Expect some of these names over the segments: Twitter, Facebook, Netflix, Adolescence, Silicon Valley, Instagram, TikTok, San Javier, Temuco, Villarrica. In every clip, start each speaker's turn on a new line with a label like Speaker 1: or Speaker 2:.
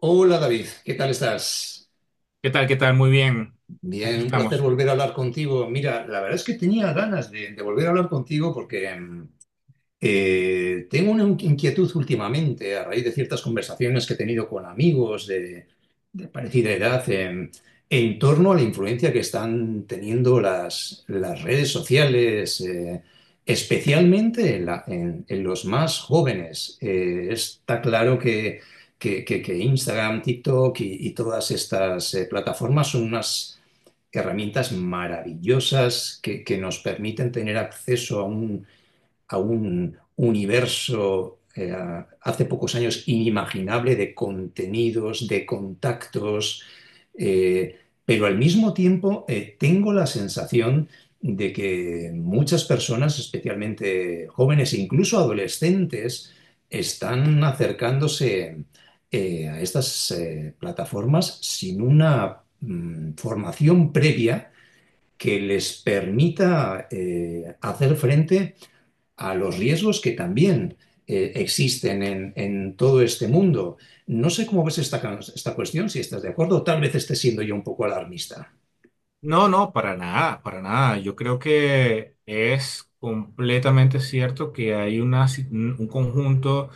Speaker 1: Hola David, ¿qué tal estás?
Speaker 2: ¿Qué tal? ¿Qué tal? Muy bien.
Speaker 1: Bien,
Speaker 2: Aquí
Speaker 1: un placer
Speaker 2: estamos.
Speaker 1: volver a hablar contigo. Mira, la verdad es que tenía ganas de volver a hablar contigo porque tengo una inquietud últimamente a raíz de ciertas conversaciones que he tenido con amigos de parecida edad, en torno a la influencia que están teniendo las redes sociales, especialmente en los más jóvenes. Está claro que Instagram, TikTok y todas estas plataformas son unas herramientas maravillosas que nos permiten tener acceso a un universo hace pocos años inimaginable de contenidos, de contactos, eh, pero al mismo tiempo tengo la sensación de que muchas personas, especialmente jóvenes e incluso adolescentes, están acercándose a estas plataformas sin una formación previa que les permita hacer frente a los riesgos que también existen todo este mundo. No sé cómo ves esta cuestión, si estás de acuerdo, o tal vez esté siendo yo un poco alarmista.
Speaker 2: No, no, para nada, para nada. Yo creo que es completamente cierto que hay una, un conjunto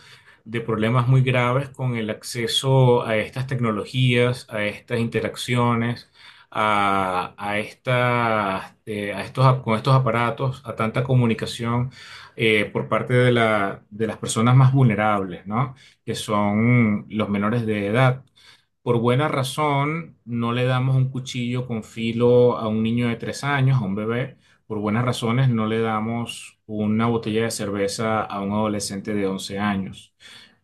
Speaker 2: de problemas muy graves con el acceso a estas tecnologías, a estas interacciones, a estas, a estos, con estos aparatos, a tanta comunicación por parte de las personas más vulnerables, ¿no? Que son los menores de edad. Por buena razón, no le damos un cuchillo con filo a un niño de 3 años, a un bebé. Por buenas razones, no le damos una botella de cerveza a un adolescente de 11 años.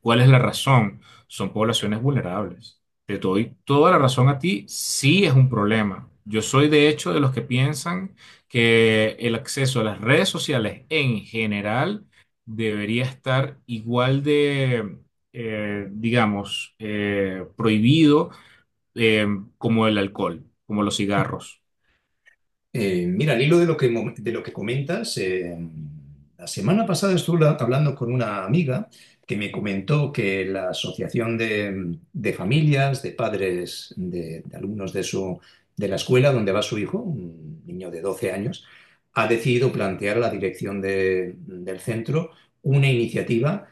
Speaker 2: ¿Cuál es la razón? Son poblaciones vulnerables. Te doy toda la razón a ti, sí es un problema. Yo soy de hecho de los que piensan que el acceso a las redes sociales en general debería estar igual de digamos, prohibido, eh, como el alcohol, como los cigarros.
Speaker 1: Mira, al hilo de lo de lo que comentas, la semana pasada estuve hablando con una amiga que me comentó que la Asociación de Familias, de padres de alumnos de la escuela donde va su hijo, un niño de 12 años, ha decidido plantear a la dirección del centro una iniciativa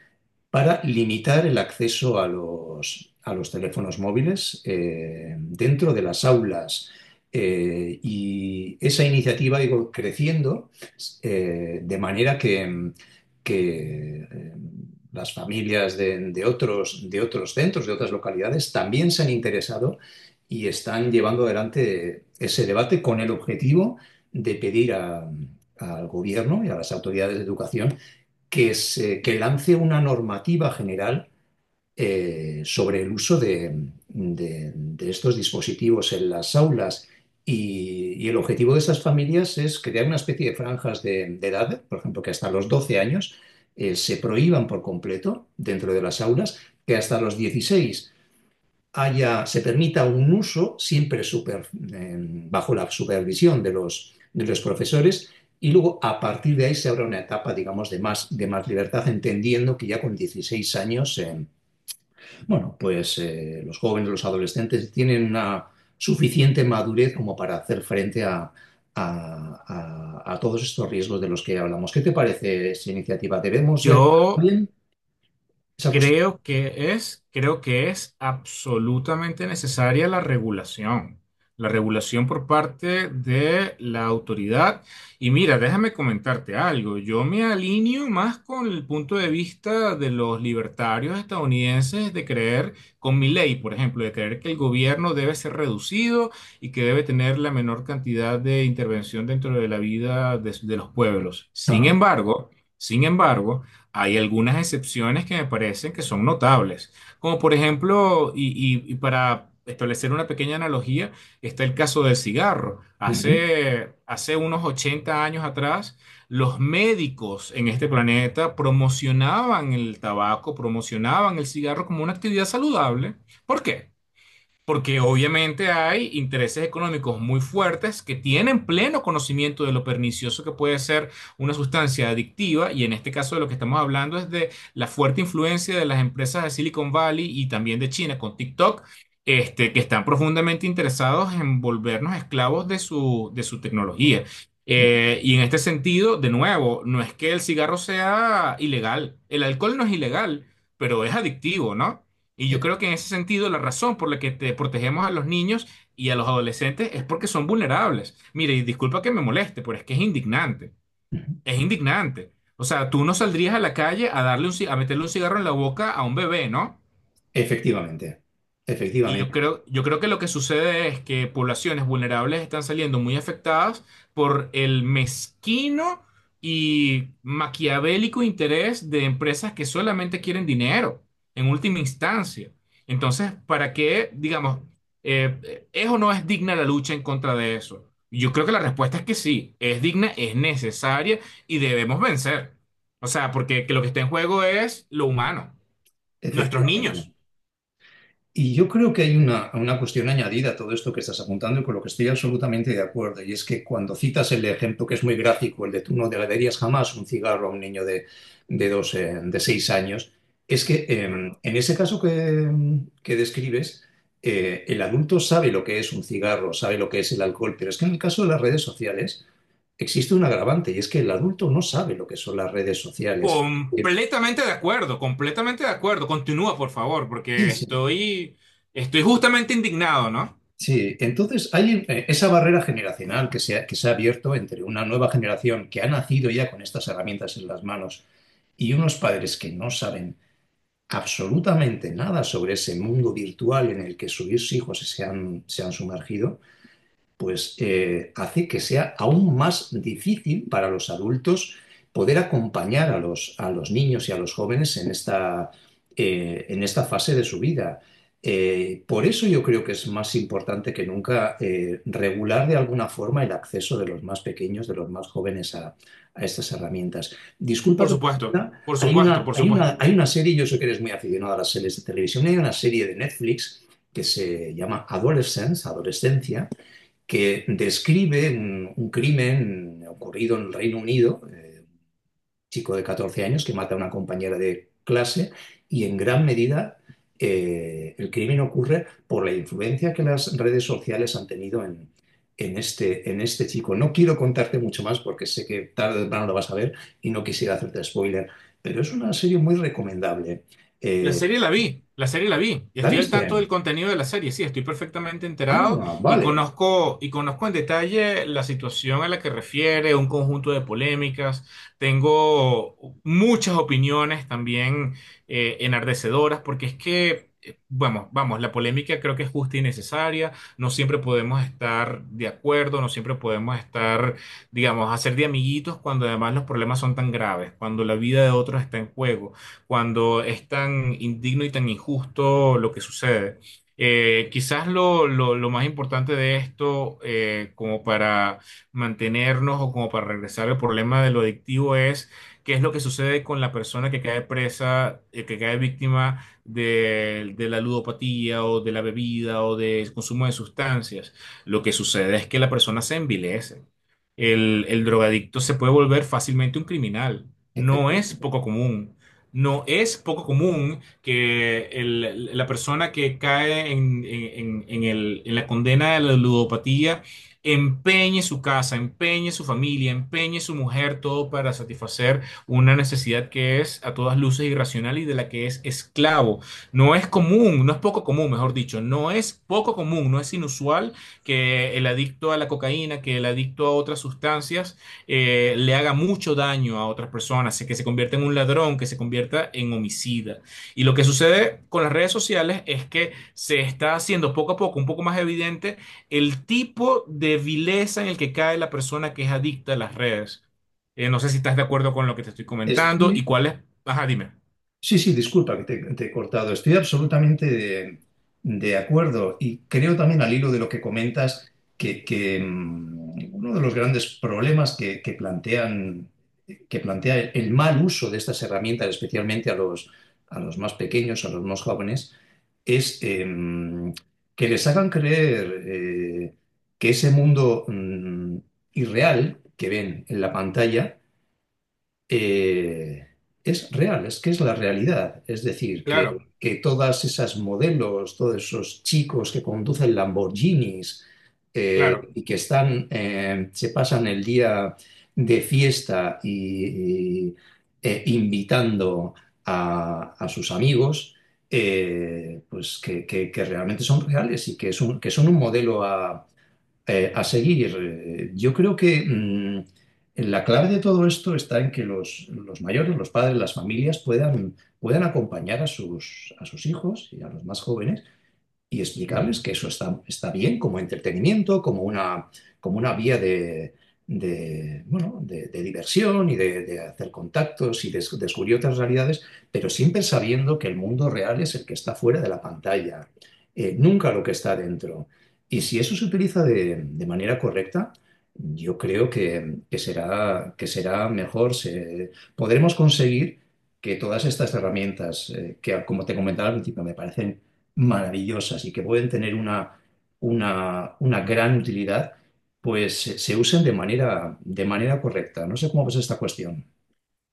Speaker 1: para limitar el acceso a los teléfonos móviles dentro de las aulas. Y esa iniciativa ha ido creciendo de manera que las familias de otros centros, de otras localidades, también se han interesado y están llevando adelante ese debate con el objetivo de pedir al gobierno y a las autoridades de educación que lance una normativa general sobre el uso de estos dispositivos en las aulas. Y el objetivo de esas familias es crear una especie de franjas de edad, por ejemplo, que hasta los 12 años se prohíban por completo dentro de las aulas, que hasta los 16 haya, se permita un uso siempre super, eh, bajo la supervisión de los profesores y luego a partir de ahí se abre una etapa, digamos, de más libertad, entendiendo que ya con 16 años, los jóvenes, los adolescentes tienen una suficiente madurez como para hacer frente a todos estos riesgos de los que hablamos. ¿Qué te parece esa iniciativa? ¿Debemos regular
Speaker 2: Yo
Speaker 1: también esa cuestión?
Speaker 2: creo que es absolutamente necesaria la regulación por parte de la autoridad. Y mira, déjame comentarte algo. Yo me alineo más con el punto de vista de los libertarios estadounidenses de creer, con mi ley, por ejemplo, de creer que el gobierno debe ser reducido y que debe tener la menor cantidad de intervención dentro de la vida de los pueblos. Sin
Speaker 1: Ah,
Speaker 2: embargo, sin embargo, hay algunas excepciones que me parecen que son notables, como por ejemplo, y para establecer una pequeña analogía, está el caso del cigarro.
Speaker 1: ujú,
Speaker 2: Hace unos 80 años atrás, los médicos en este planeta promocionaban el tabaco, promocionaban el cigarro como una actividad saludable. ¿Por qué? Porque obviamente hay intereses económicos muy fuertes que tienen pleno conocimiento de lo pernicioso que puede ser una sustancia adictiva, y en este caso de lo que estamos hablando es de la fuerte influencia de las empresas de Silicon Valley y también de China con TikTok, que están profundamente interesados en volvernos esclavos de su tecnología.
Speaker 1: ujú,
Speaker 2: Y en este sentido, de nuevo, no es que el cigarro sea ilegal, el alcohol no es ilegal, pero es adictivo, ¿no? Y yo
Speaker 1: eh,
Speaker 2: creo que en ese sentido la razón por la que te protegemos a los niños y a los adolescentes es porque son vulnerables. Mire, y disculpa que me moleste, pero es que es indignante. Es indignante. O sea, tú no saldrías a la calle a darle a meterle un cigarro en la boca a un bebé, ¿no?
Speaker 1: efectivamente,
Speaker 2: Y yo
Speaker 1: efectivamente,
Speaker 2: creo, yo creo que lo que sucede es que poblaciones vulnerables están saliendo muy afectadas por el mezquino y maquiavélico interés de empresas que solamente quieren dinero, en última instancia. Entonces, ¿para qué, digamos, es o no es digna la lucha en contra de eso? Yo creo que la respuesta es que sí, es digna, es necesaria, y debemos vencer. O sea, porque que lo que está en juego es lo humano, nuestros
Speaker 1: efectivamente.
Speaker 2: niños.
Speaker 1: Y yo creo que hay una cuestión añadida a todo esto que estás apuntando y con lo que estoy absolutamente de acuerdo, y es que cuando citas el ejemplo que es muy gráfico, el de tú no le darías jamás un cigarro a un niño de 12, de 6 años, es que
Speaker 2: Correcto.
Speaker 1: en ese caso que describes, el adulto sabe lo que es un cigarro, sabe lo que es el alcohol, pero es que en el caso de las redes sociales existe un agravante, y es que el adulto no sabe lo que son las redes sociales. Sí,
Speaker 2: Completamente de acuerdo, completamente de acuerdo. Continúa, por favor, porque
Speaker 1: sí.
Speaker 2: estoy justamente indignado, ¿no?
Speaker 1: Sí, entonces hay esa barrera generacional que se ha abierto entre una nueva generación que ha nacido ya con estas herramientas en las manos y unos padres que no saben absolutamente nada sobre ese mundo virtual en el que sus hijos se han sumergido pues hace que sea aún más difícil para los adultos poder acompañar a los niños y a los jóvenes en esta fase de su vida. Por eso yo creo que es más importante que nunca regular de alguna forma el acceso de los más pequeños, de los más jóvenes a estas herramientas. Disculpa
Speaker 2: Por
Speaker 1: que me
Speaker 2: supuesto,
Speaker 1: extienda,
Speaker 2: por supuesto, por supuesto.
Speaker 1: hay una serie, yo sé que eres muy aficionado a las series de televisión, hay una serie de Netflix que se llama Adolescence, Adolescencia, que describe un crimen ocurrido en el Reino Unido, un chico de 14 años que mata a una compañera de clase y en gran medida el crimen ocurre por la influencia que las redes sociales han tenido en este chico. No quiero contarte mucho más porque sé que tarde o temprano lo vas a ver y no quisiera hacerte spoiler, pero es una serie muy recomendable.
Speaker 2: La
Speaker 1: Eh,
Speaker 2: serie la vi, la serie la vi, y
Speaker 1: ¿La
Speaker 2: estoy al tanto del
Speaker 1: viste?
Speaker 2: contenido de la serie, sí, estoy perfectamente enterado
Speaker 1: Ah,
Speaker 2: y
Speaker 1: vale,
Speaker 2: conozco, en detalle la situación a la que refiere, un conjunto de polémicas, tengo muchas opiniones también enardecedoras, porque es que, vamos, vamos, la polémica creo que es justa y necesaria, no siempre podemos estar de acuerdo, no siempre podemos estar, digamos, hacer de amiguitos cuando además los problemas son tan graves, cuando la vida de otros está en juego, cuando es tan indigno y tan injusto lo que sucede. Quizás lo más importante de esto, como para mantenernos o como para regresar al problema de lo adictivo, es qué es lo que sucede con la persona que cae presa, que cae víctima de la ludopatía o de la bebida o del consumo de sustancias. Lo que sucede es que la persona se envilece. El drogadicto se puede volver fácilmente un criminal. No es
Speaker 1: efectivamente.
Speaker 2: poco común. No es poco común que la persona que cae en la condena de la ludopatía empeñe su casa, empeñe su familia, empeñe su mujer, todo para satisfacer una necesidad que es a todas luces irracional y de la que es esclavo. No es común, no es poco común, mejor dicho, no es poco común, no es inusual que el adicto a la cocaína, que el adicto a otras sustancias le haga mucho daño a otras personas, que se convierta en un ladrón, que se convierta en homicida. Y lo que sucede con las redes sociales es que se está haciendo poco a poco un poco más evidente el tipo de vileza en el que cae la persona que es adicta a las redes. No sé si estás de acuerdo con lo que te estoy comentando
Speaker 1: Estoy-
Speaker 2: y cuál es... Ajá, dime.
Speaker 1: Sí, sí, disculpa que te he cortado. Estoy absolutamente de acuerdo y creo también al hilo de lo que comentas que uno de los grandes problemas que que plantea el mal uso de estas herramientas, especialmente a los más pequeños, a los más jóvenes, es que les hagan creer que ese mundo irreal que ven en la pantalla eh, es real, es que es la realidad. Es decir,
Speaker 2: Claro,
Speaker 1: que todas esas modelos, todos esos chicos que conducen Lamborghinis
Speaker 2: claro.
Speaker 1: y que están, se pasan el día de fiesta invitando a sus amigos, pues que realmente son reales y que, que son un modelo a seguir, yo creo que la clave de todo esto está en que los mayores, los padres, las familias puedan acompañar a sus hijos y a los más jóvenes y explicarles que eso está bien como entretenimiento, como una vía de, bueno, de diversión y de hacer contactos y de descubrir otras realidades, pero siempre sabiendo que el mundo real es el que está fuera de la pantalla, nunca lo que está dentro. Y si eso se utiliza de manera correcta, yo creo que será mejor, podremos conseguir que todas estas herramientas, que como te comentaba al principio, me parecen maravillosas y que pueden tener una gran utilidad, pues se usen de manera correcta. No sé cómo ves esta cuestión.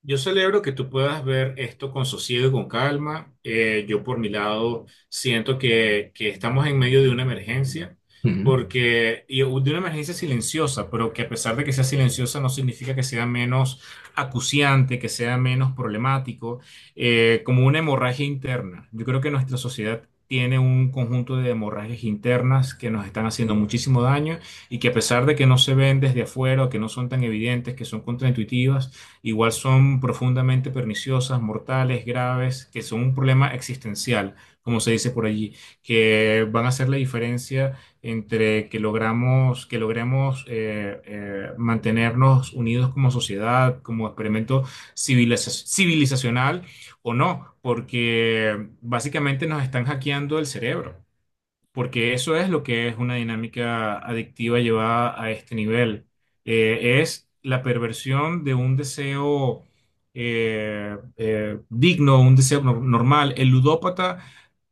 Speaker 2: Yo celebro que tú puedas ver esto con sosiego y con calma. Yo por mi lado siento que estamos en medio de una emergencia,
Speaker 1: Ujú.
Speaker 2: porque y de una emergencia silenciosa, pero que a pesar de que sea silenciosa no significa que sea menos acuciante, que sea menos problemático, como una hemorragia interna. Yo creo que nuestra sociedad tiene un conjunto de hemorragias internas que nos están haciendo muchísimo daño, y que a pesar de que no se ven desde afuera o que no son tan evidentes, que son contraintuitivas, igual son profundamente perniciosas, mortales, graves, que son un problema existencial, como se dice por allí, que van a hacer la diferencia entre que logramos, que logremos mantenernos unidos como sociedad, como experimento civilizacional o no, porque básicamente nos están hackeando el cerebro, porque eso es lo que es una dinámica adictiva llevada a este nivel. Es la perversión de un deseo digno, un deseo normal. El ludópata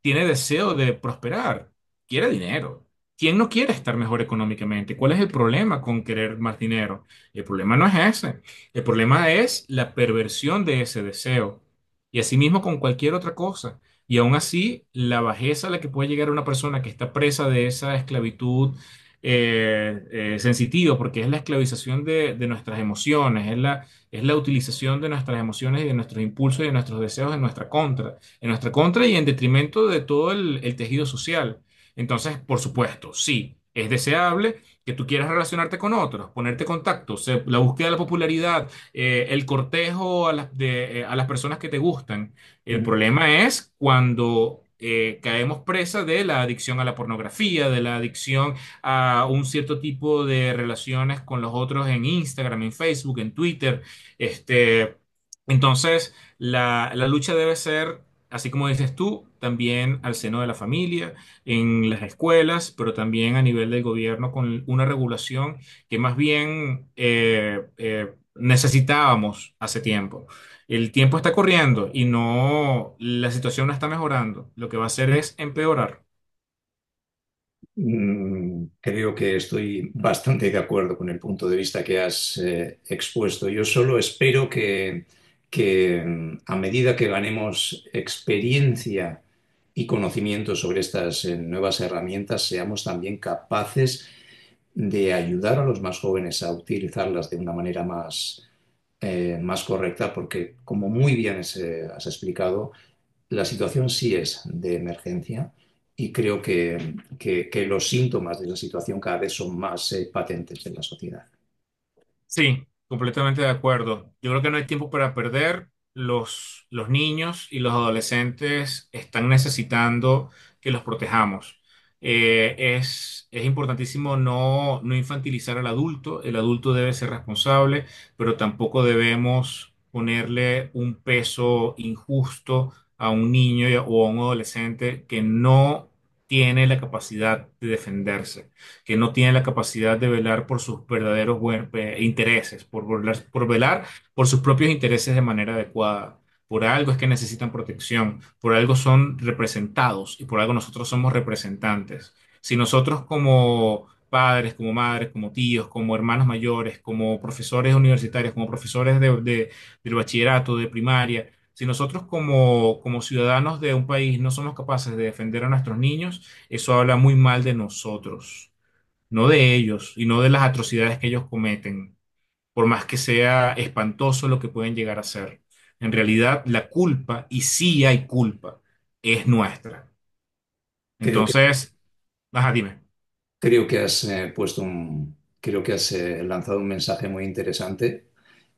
Speaker 2: tiene deseo de prosperar, quiere dinero. ¿Quién no quiere estar mejor económicamente? ¿Cuál es el problema con querer más dinero? El problema no es ese. El problema es la perversión de ese deseo. Y asimismo con cualquier otra cosa. Y aún así, la bajeza a la que puede llegar una persona que está presa de esa esclavitud eh, sensitiva, porque es la esclavización de, nuestras emociones, es la utilización de nuestras emociones y de nuestros impulsos y de nuestros deseos en nuestra contra y en detrimento de todo el tejido social. Entonces, por supuesto, sí, es deseable que tú quieras relacionarte con otros, ponerte contactos, la búsqueda de la popularidad, el cortejo a las personas que te gustan. El problema es cuando caemos presa de la adicción a la pornografía, de la adicción a un cierto tipo de relaciones con los otros en Instagram, en Facebook, en Twitter. Este, entonces, la lucha debe ser, así como dices tú, también al seno de la familia, en las escuelas, pero también a nivel del gobierno con una regulación que más bien necesitábamos hace tiempo. El tiempo está corriendo y no, la situación no está mejorando. Lo que va a hacer es empeorar.
Speaker 1: Creo que estoy bastante de acuerdo con el punto de vista que has expuesto. Yo solo espero que a medida que ganemos experiencia y conocimiento sobre estas nuevas herramientas, seamos también capaces de ayudar a los más jóvenes a utilizarlas de una manera más, más correcta, porque como muy bien has explicado, la situación sí es de emergencia y creo que los síntomas de la situación cada vez son más patentes en la sociedad.
Speaker 2: Sí, completamente de acuerdo. Yo creo que no hay tiempo para perder. Los niños y los adolescentes están necesitando que los protejamos. Es importantísimo no infantilizar al adulto. El adulto debe ser responsable, pero tampoco debemos ponerle un peso injusto a un niño y o a un adolescente que no tiene la capacidad de defenderse, que no tiene la capacidad de velar por sus verdaderos intereses, por velar por sus propios intereses de manera adecuada. Por algo es que necesitan protección, por algo son representados y por algo nosotros somos representantes. Si nosotros como padres, como madres, como tíos, como hermanos mayores, como profesores universitarios, como profesores del bachillerato, de primaria, si nosotros como, como ciudadanos de un país no somos capaces de defender a nuestros niños, eso habla muy mal de nosotros, no de ellos y no de las atrocidades que ellos cometen, por más que sea espantoso lo que pueden llegar a ser. En realidad, la culpa, y sí hay culpa, es nuestra.
Speaker 1: Creo que,
Speaker 2: Entonces, ajá, dime.
Speaker 1: Creo que has lanzado un mensaje muy interesante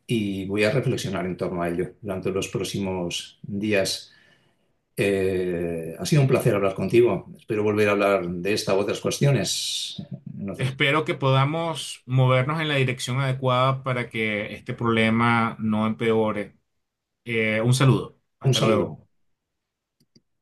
Speaker 1: y voy a reflexionar en torno a ello durante los próximos días. Ha sido un placer hablar contigo. Espero volver a hablar de esta u otras cuestiones. en otras-
Speaker 2: Espero que podamos movernos en la dirección adecuada para que este problema no empeore. Un saludo.
Speaker 1: Un
Speaker 2: Hasta
Speaker 1: saludo.
Speaker 2: luego.